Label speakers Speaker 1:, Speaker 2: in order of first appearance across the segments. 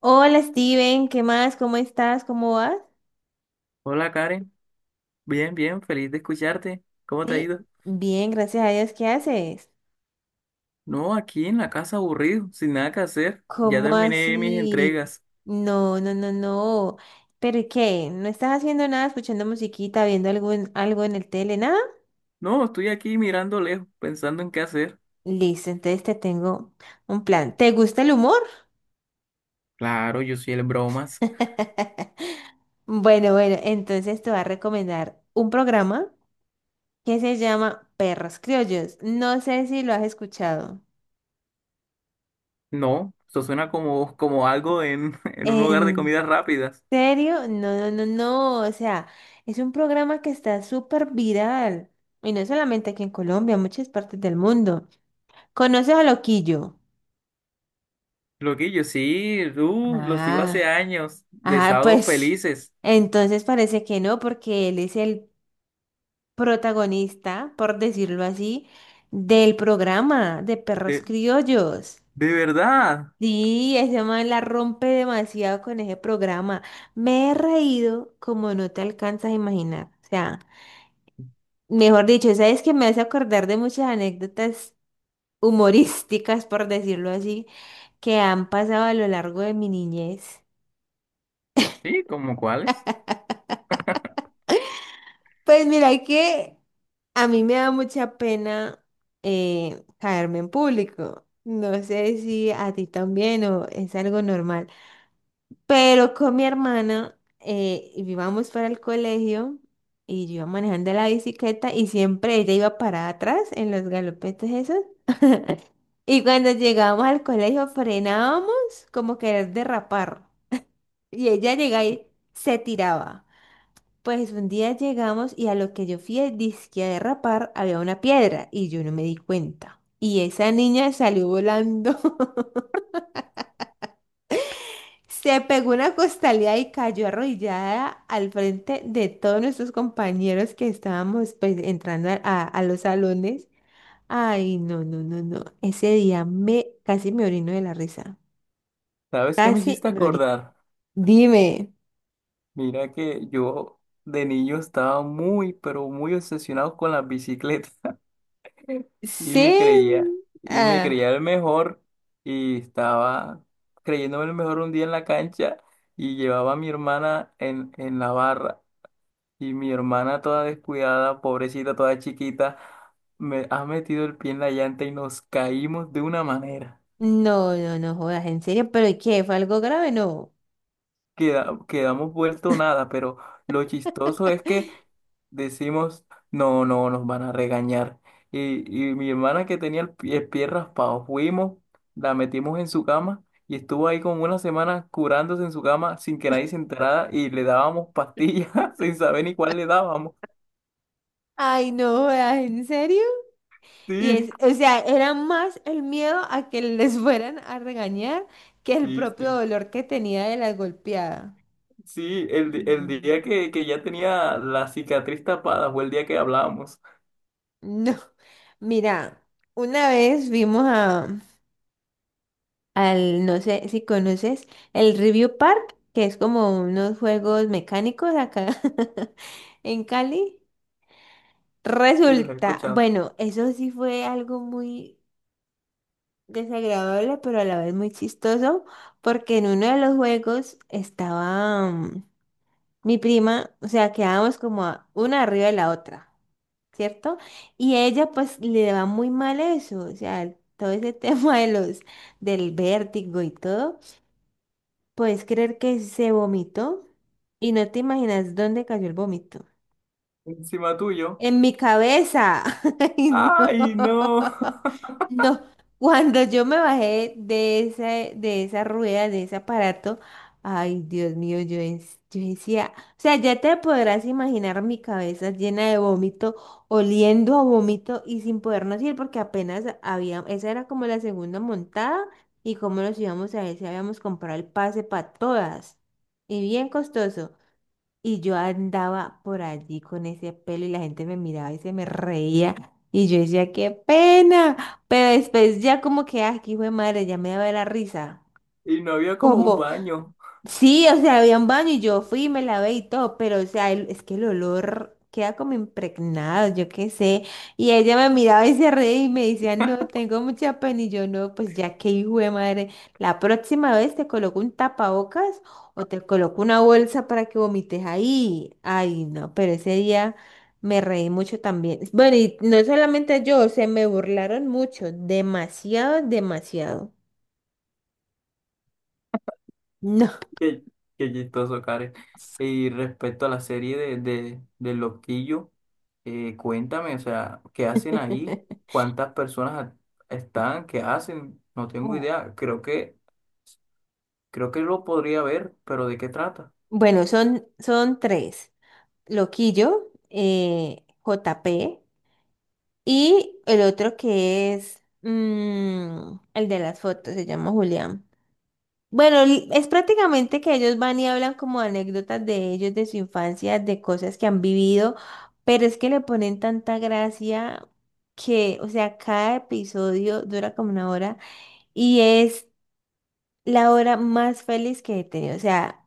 Speaker 1: Hola Steven, ¿qué más? ¿Cómo estás? ¿Cómo vas?
Speaker 2: Hola Karen, bien, bien, feliz de escucharte. ¿Cómo te ha
Speaker 1: Sí,
Speaker 2: ido?
Speaker 1: bien, gracias a Dios. ¿Qué haces?
Speaker 2: No, aquí en la casa aburrido, sin nada que hacer. Ya
Speaker 1: ¿Cómo
Speaker 2: terminé mis
Speaker 1: así?
Speaker 2: entregas.
Speaker 1: No, no, no, no. ¿Pero y qué? ¿No estás haciendo nada, escuchando musiquita, viendo algo en el tele, nada?
Speaker 2: No, estoy aquí mirando lejos, pensando en qué hacer.
Speaker 1: Listo, entonces te tengo un plan. ¿Te gusta el humor?
Speaker 2: Claro, yo soy el bromas.
Speaker 1: Bueno, bueno, entonces te voy a recomendar un programa que se llama Perros Criollos. No sé si lo has escuchado.
Speaker 2: No, eso suena como, como algo en, en un lugar de comidas rápidas.
Speaker 1: ¿Serio? No, no, no, no. O sea, es un programa que está súper viral. Y no solamente aquí en Colombia, en muchas partes del mundo. ¿Conoces a Loquillo?
Speaker 2: Loquillo, sí, los sigo hace
Speaker 1: Ah,
Speaker 2: años, de
Speaker 1: ah,
Speaker 2: sábados
Speaker 1: pues.
Speaker 2: felices.
Speaker 1: Entonces parece que no, porque él es el protagonista, por decirlo así, del programa de Perros
Speaker 2: De,
Speaker 1: Criollos.
Speaker 2: de verdad.
Speaker 1: Sí, ese man la rompe demasiado con ese programa. Me he reído como no te alcanzas a imaginar. O sea. Mejor dicho, sabes que me hace acordar de muchas anécdotas humorísticas, por decirlo así, que han pasado a lo largo de mi niñez.
Speaker 2: Sí, ¿como cuáles?
Speaker 1: Pues mira que a mí me da mucha pena caerme en público. No sé si a ti también o es algo normal. Pero con mi hermana íbamos para el colegio y yo iba manejando la bicicleta y siempre ella iba parada atrás en los galopetes esos. Y cuando llegamos al colegio frenábamos como querer derrapar. Y ella llegaba y se tiraba. Pues un día llegamos y a lo que yo fui, dizque a derrapar, había una piedra y yo no me di cuenta. Y esa niña salió volando. Se pegó una costalía y cayó arrodillada al frente de todos nuestros compañeros que estábamos pues entrando a los salones. Ay, no, no, no, no. Ese día me casi me orino de la risa.
Speaker 2: ¿Sabes qué me
Speaker 1: Casi
Speaker 2: hiciste
Speaker 1: me orino.
Speaker 2: acordar?
Speaker 1: Dime,
Speaker 2: Mira que yo de niño estaba muy, pero muy obsesionado con las bicicletas y
Speaker 1: ¿sí?
Speaker 2: me creía, y me
Speaker 1: Ah,
Speaker 2: creía el mejor y estaba creyéndome el mejor un día en la cancha y llevaba a mi hermana en la barra y mi hermana toda descuidada, pobrecita, toda chiquita, me ha metido el pie en la llanta y nos caímos de una manera.
Speaker 1: no, no no jodas, en serio, pero ¿y qué? ¿Fue algo grave? No.
Speaker 2: Quedamos vuelto nada, pero lo chistoso es que decimos, no, no, nos van a regañar. Y mi hermana que tenía el pie raspado, fuimos, la metimos en su cama y estuvo ahí como una semana curándose en su cama sin que nadie se enterara y le dábamos pastillas sin saber ni cuál le dábamos.
Speaker 1: Ay, no jodas, ¿en serio? Y
Speaker 2: Sí,
Speaker 1: es, o sea, era más el miedo a que les fueran a regañar que el
Speaker 2: sí,
Speaker 1: propio
Speaker 2: sí.
Speaker 1: dolor que tenía de la golpeada.
Speaker 2: Sí, el día
Speaker 1: Mm.
Speaker 2: que ya tenía la cicatriz tapada fue el día que hablábamos
Speaker 1: No, mira, una vez vimos a, al, no sé si conoces, el Review Park, que es como unos juegos mecánicos acá en Cali.
Speaker 2: y los he
Speaker 1: Resulta,
Speaker 2: escuchado.
Speaker 1: bueno, eso sí fue algo muy desagradable, pero a la vez muy chistoso, porque en uno de los juegos estaba mi prima, o sea, quedábamos como una arriba de la otra, ¿cierto? Y ella pues le va muy mal eso, o sea, todo ese tema de del vértigo y todo. ¿Puedes creer que se vomitó? Y no te imaginas dónde cayó el vómito.
Speaker 2: Encima tuyo.
Speaker 1: En mi cabeza. Ay, no.
Speaker 2: ¡Ay, no!
Speaker 1: No. Cuando yo me bajé de esa rueda, de ese aparato, ay, Dios mío, yo, yo decía, o sea, ya te podrás imaginar mi cabeza llena de vómito, oliendo a vómito y sin podernos ir porque apenas había, esa era como la segunda montada y cómo nos íbamos a ver si habíamos comprado el pase para todas. Y bien costoso. Y yo andaba por allí con ese pelo y la gente me miraba y se me reía. Y yo decía, qué pena. Pero después ya como que, ah, qué hijo de madre, ya me daba la risa.
Speaker 2: Y no había como un
Speaker 1: Como,
Speaker 2: baño.
Speaker 1: sí, o sea, había un baño y yo fui y me lavé y todo, pero o sea, es que el olor queda como impregnado, yo qué sé. Y ella me miraba y se reía y me decía, no, tengo mucha pena. Y yo, no, pues ya que hijo de madre, la próxima vez te coloco un tapabocas o te coloco una bolsa para que vomites ahí. Ay, no, pero ese día me reí mucho también. Bueno, y no solamente yo, se me burlaron mucho, demasiado, demasiado. No.
Speaker 2: Qué, qué chistoso, Karen. Y respecto a la serie de, del Loquillo, cuéntame, o sea, ¿qué hacen ahí? ¿Cuántas personas están? ¿Qué hacen? No tengo idea. Creo que lo podría ver, pero ¿de qué trata?
Speaker 1: Bueno, son, son tres. Loquillo, JP y el otro que es el de las fotos, se llama Julián. Bueno, es prácticamente que ellos van y hablan como anécdotas de ellos, de su infancia, de cosas que han vivido, pero es que le ponen tanta gracia que, o sea, cada episodio dura como una hora y es la hora más feliz que he tenido. O sea,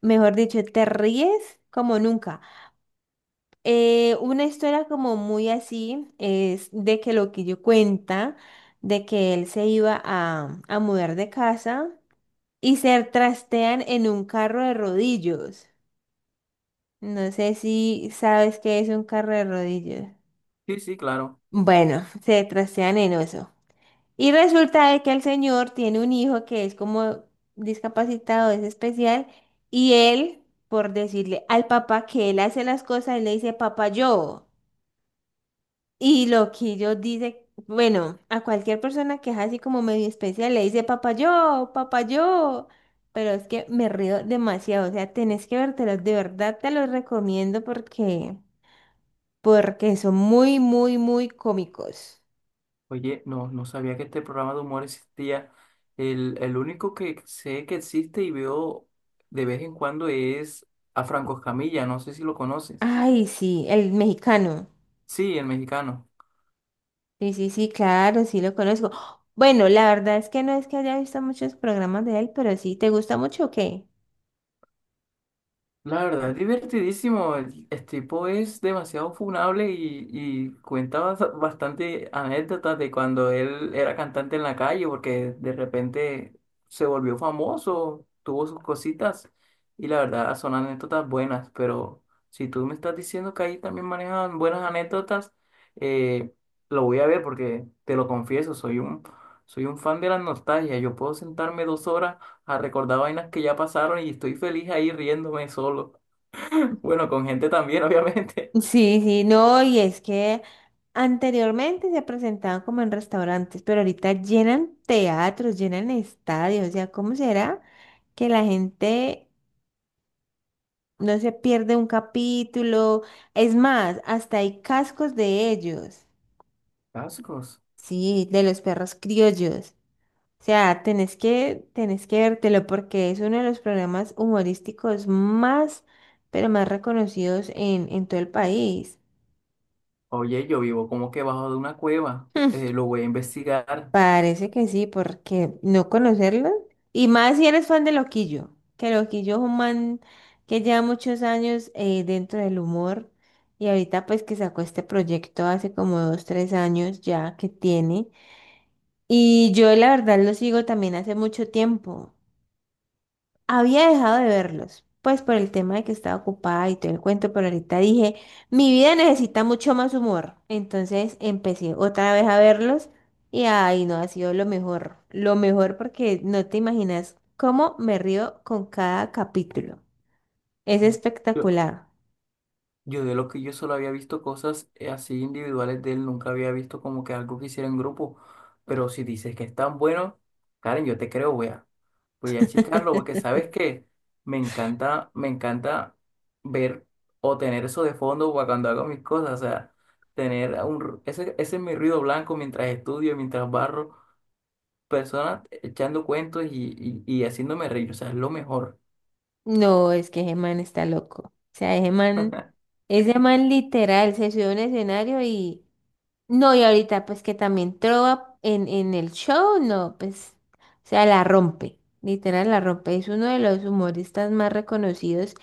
Speaker 1: mejor dicho, te ríes como nunca. Una historia como muy así es de que lo que yo cuenta, de que él se iba a mudar de casa y se trastean en un carro de rodillos. No sé si sabes qué es un carro de rodillos.
Speaker 2: Sí, sí, claro.
Speaker 1: Bueno, se trastean en eso. Y resulta de que el señor tiene un hijo que es como discapacitado, es especial, y él, por decirle al papá que él hace las cosas, él le dice, papá, yo. Y Loquillo dice, bueno, a cualquier persona que es así como medio especial le dice papayó, papayó. Pero es que me río demasiado, o sea, tenés que vértelos, de verdad te los recomiendo porque, porque son muy, muy, muy cómicos.
Speaker 2: Oye, no, no sabía que este programa de humor existía. El único que sé que existe y veo de vez en cuando es a Franco Escamilla. No sé si lo conoces.
Speaker 1: Ay, sí, el mexicano.
Speaker 2: Sí, el mexicano.
Speaker 1: Sí, sí, sí, claro, sí lo conozco. Bueno, la verdad es que no es que haya visto muchos programas de él, pero sí, ¿te gusta mucho o qué?
Speaker 2: La verdad, es divertidísimo. El- Este tipo es demasiado funable y cuenta bastante anécdotas de cuando él era cantante en la calle, porque de repente se volvió famoso, tuvo sus cositas, y la verdad son anécdotas buenas. Pero si tú me estás diciendo que ahí también manejan buenas anécdotas, eh, lo voy a ver porque te lo confieso, soy un fan de la nostalgia. Yo puedo sentarme 2 horas a recordar vainas que ya pasaron y estoy feliz ahí riéndome solo. Bueno, con gente también, obviamente.
Speaker 1: Sí, sí, no, y es que anteriormente se presentaban como en restaurantes, pero ahorita llenan teatros, llenan estadios, o sea, ¿cómo será que la gente no se pierde un capítulo? Es más, hasta hay cascos de ellos,
Speaker 2: Cascos.
Speaker 1: sí, de los perros criollos. O sea, tenés que vértelo porque es uno de los programas humorísticos más, pero más reconocidos en todo el país.
Speaker 2: Oye, yo vivo como que bajo de una cueva. Lo voy a investigar.
Speaker 1: Parece que sí, porque no conocerlo. Y más si eres fan de Loquillo, que Loquillo es un man que lleva muchos años dentro del humor y ahorita pues que sacó este proyecto hace como dos, tres años ya que tiene. Y yo la verdad lo sigo también hace mucho tiempo. Había dejado de verlos, pues por el tema de que estaba ocupada y todo el cuento, pero ahorita dije, mi vida necesita mucho más humor. Entonces empecé otra vez a verlos y ay, no, ha sido lo mejor porque no te imaginas cómo me río con cada capítulo. Es
Speaker 2: Yo,
Speaker 1: espectacular.
Speaker 2: yo de lo que yo solo había visto cosas así individuales de él, nunca había visto como que algo que hiciera en grupo. Pero si dices que es tan bueno, Karen, yo te creo, wea. Voy a checarlo porque sabes que me encanta ver o tener eso de fondo para cuando hago mis cosas, o sea, tener un, ru- ese es mi ruido blanco mientras estudio, mientras barro, personas echando cuentos y haciéndome reír, o sea, es lo mejor.
Speaker 1: No, es que ese man está loco. O sea, ese man literal se subió a un escenario y no, y ahorita pues que también Trova en el show, no, pues, o sea, la rompe, literal la rompe, es uno de los humoristas más reconocidos.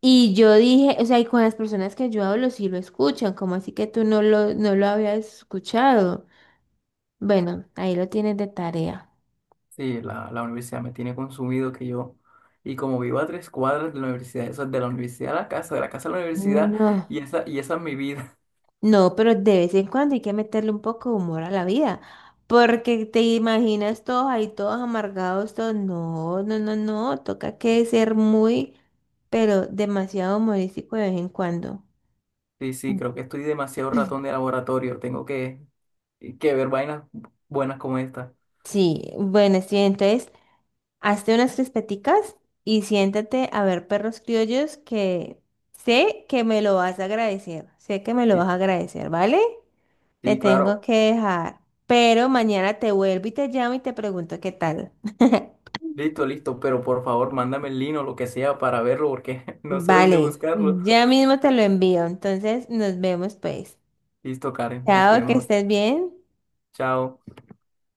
Speaker 1: Y yo dije, o sea, y con las personas que yo hablo sí lo escuchan, como así que tú no lo, no lo habías escuchado. Bueno, ahí lo tienes de tarea.
Speaker 2: Sí, la universidad me tiene consumido que yo, y como vivo a 3 cuadras de la universidad, eso es de la universidad a la casa, de la casa a la universidad,
Speaker 1: No.
Speaker 2: y esa es mi vida.
Speaker 1: No, pero de vez en cuando hay que meterle un poco de humor a la vida, porque te imaginas todos ahí, todos amargados, todos, no, no, no, no, toca que ser muy, pero demasiado humorístico de vez en cuando.
Speaker 2: Sí, sí, creo que estoy demasiado ratón de laboratorio. Que ver vainas buenas como esta.
Speaker 1: Sí, bueno, sí, entonces, hazte unas crispeticas y siéntate a ver Perros Criollos que sé que me lo vas a agradecer, sé que me lo vas
Speaker 2: Sí,
Speaker 1: a agradecer, ¿vale? Te
Speaker 2: sí,
Speaker 1: tengo
Speaker 2: claro.
Speaker 1: que dejar, pero mañana te vuelvo y te llamo y te pregunto qué tal.
Speaker 2: Listo, listo. Pero por favor, mándame el link o lo que sea para verlo porque no sé dónde
Speaker 1: Vale,
Speaker 2: buscarlo.
Speaker 1: ya mismo te lo envío, entonces nos vemos pues.
Speaker 2: Listo, Karen. Nos
Speaker 1: Chao, que
Speaker 2: vemos.
Speaker 1: estés bien.
Speaker 2: Chao.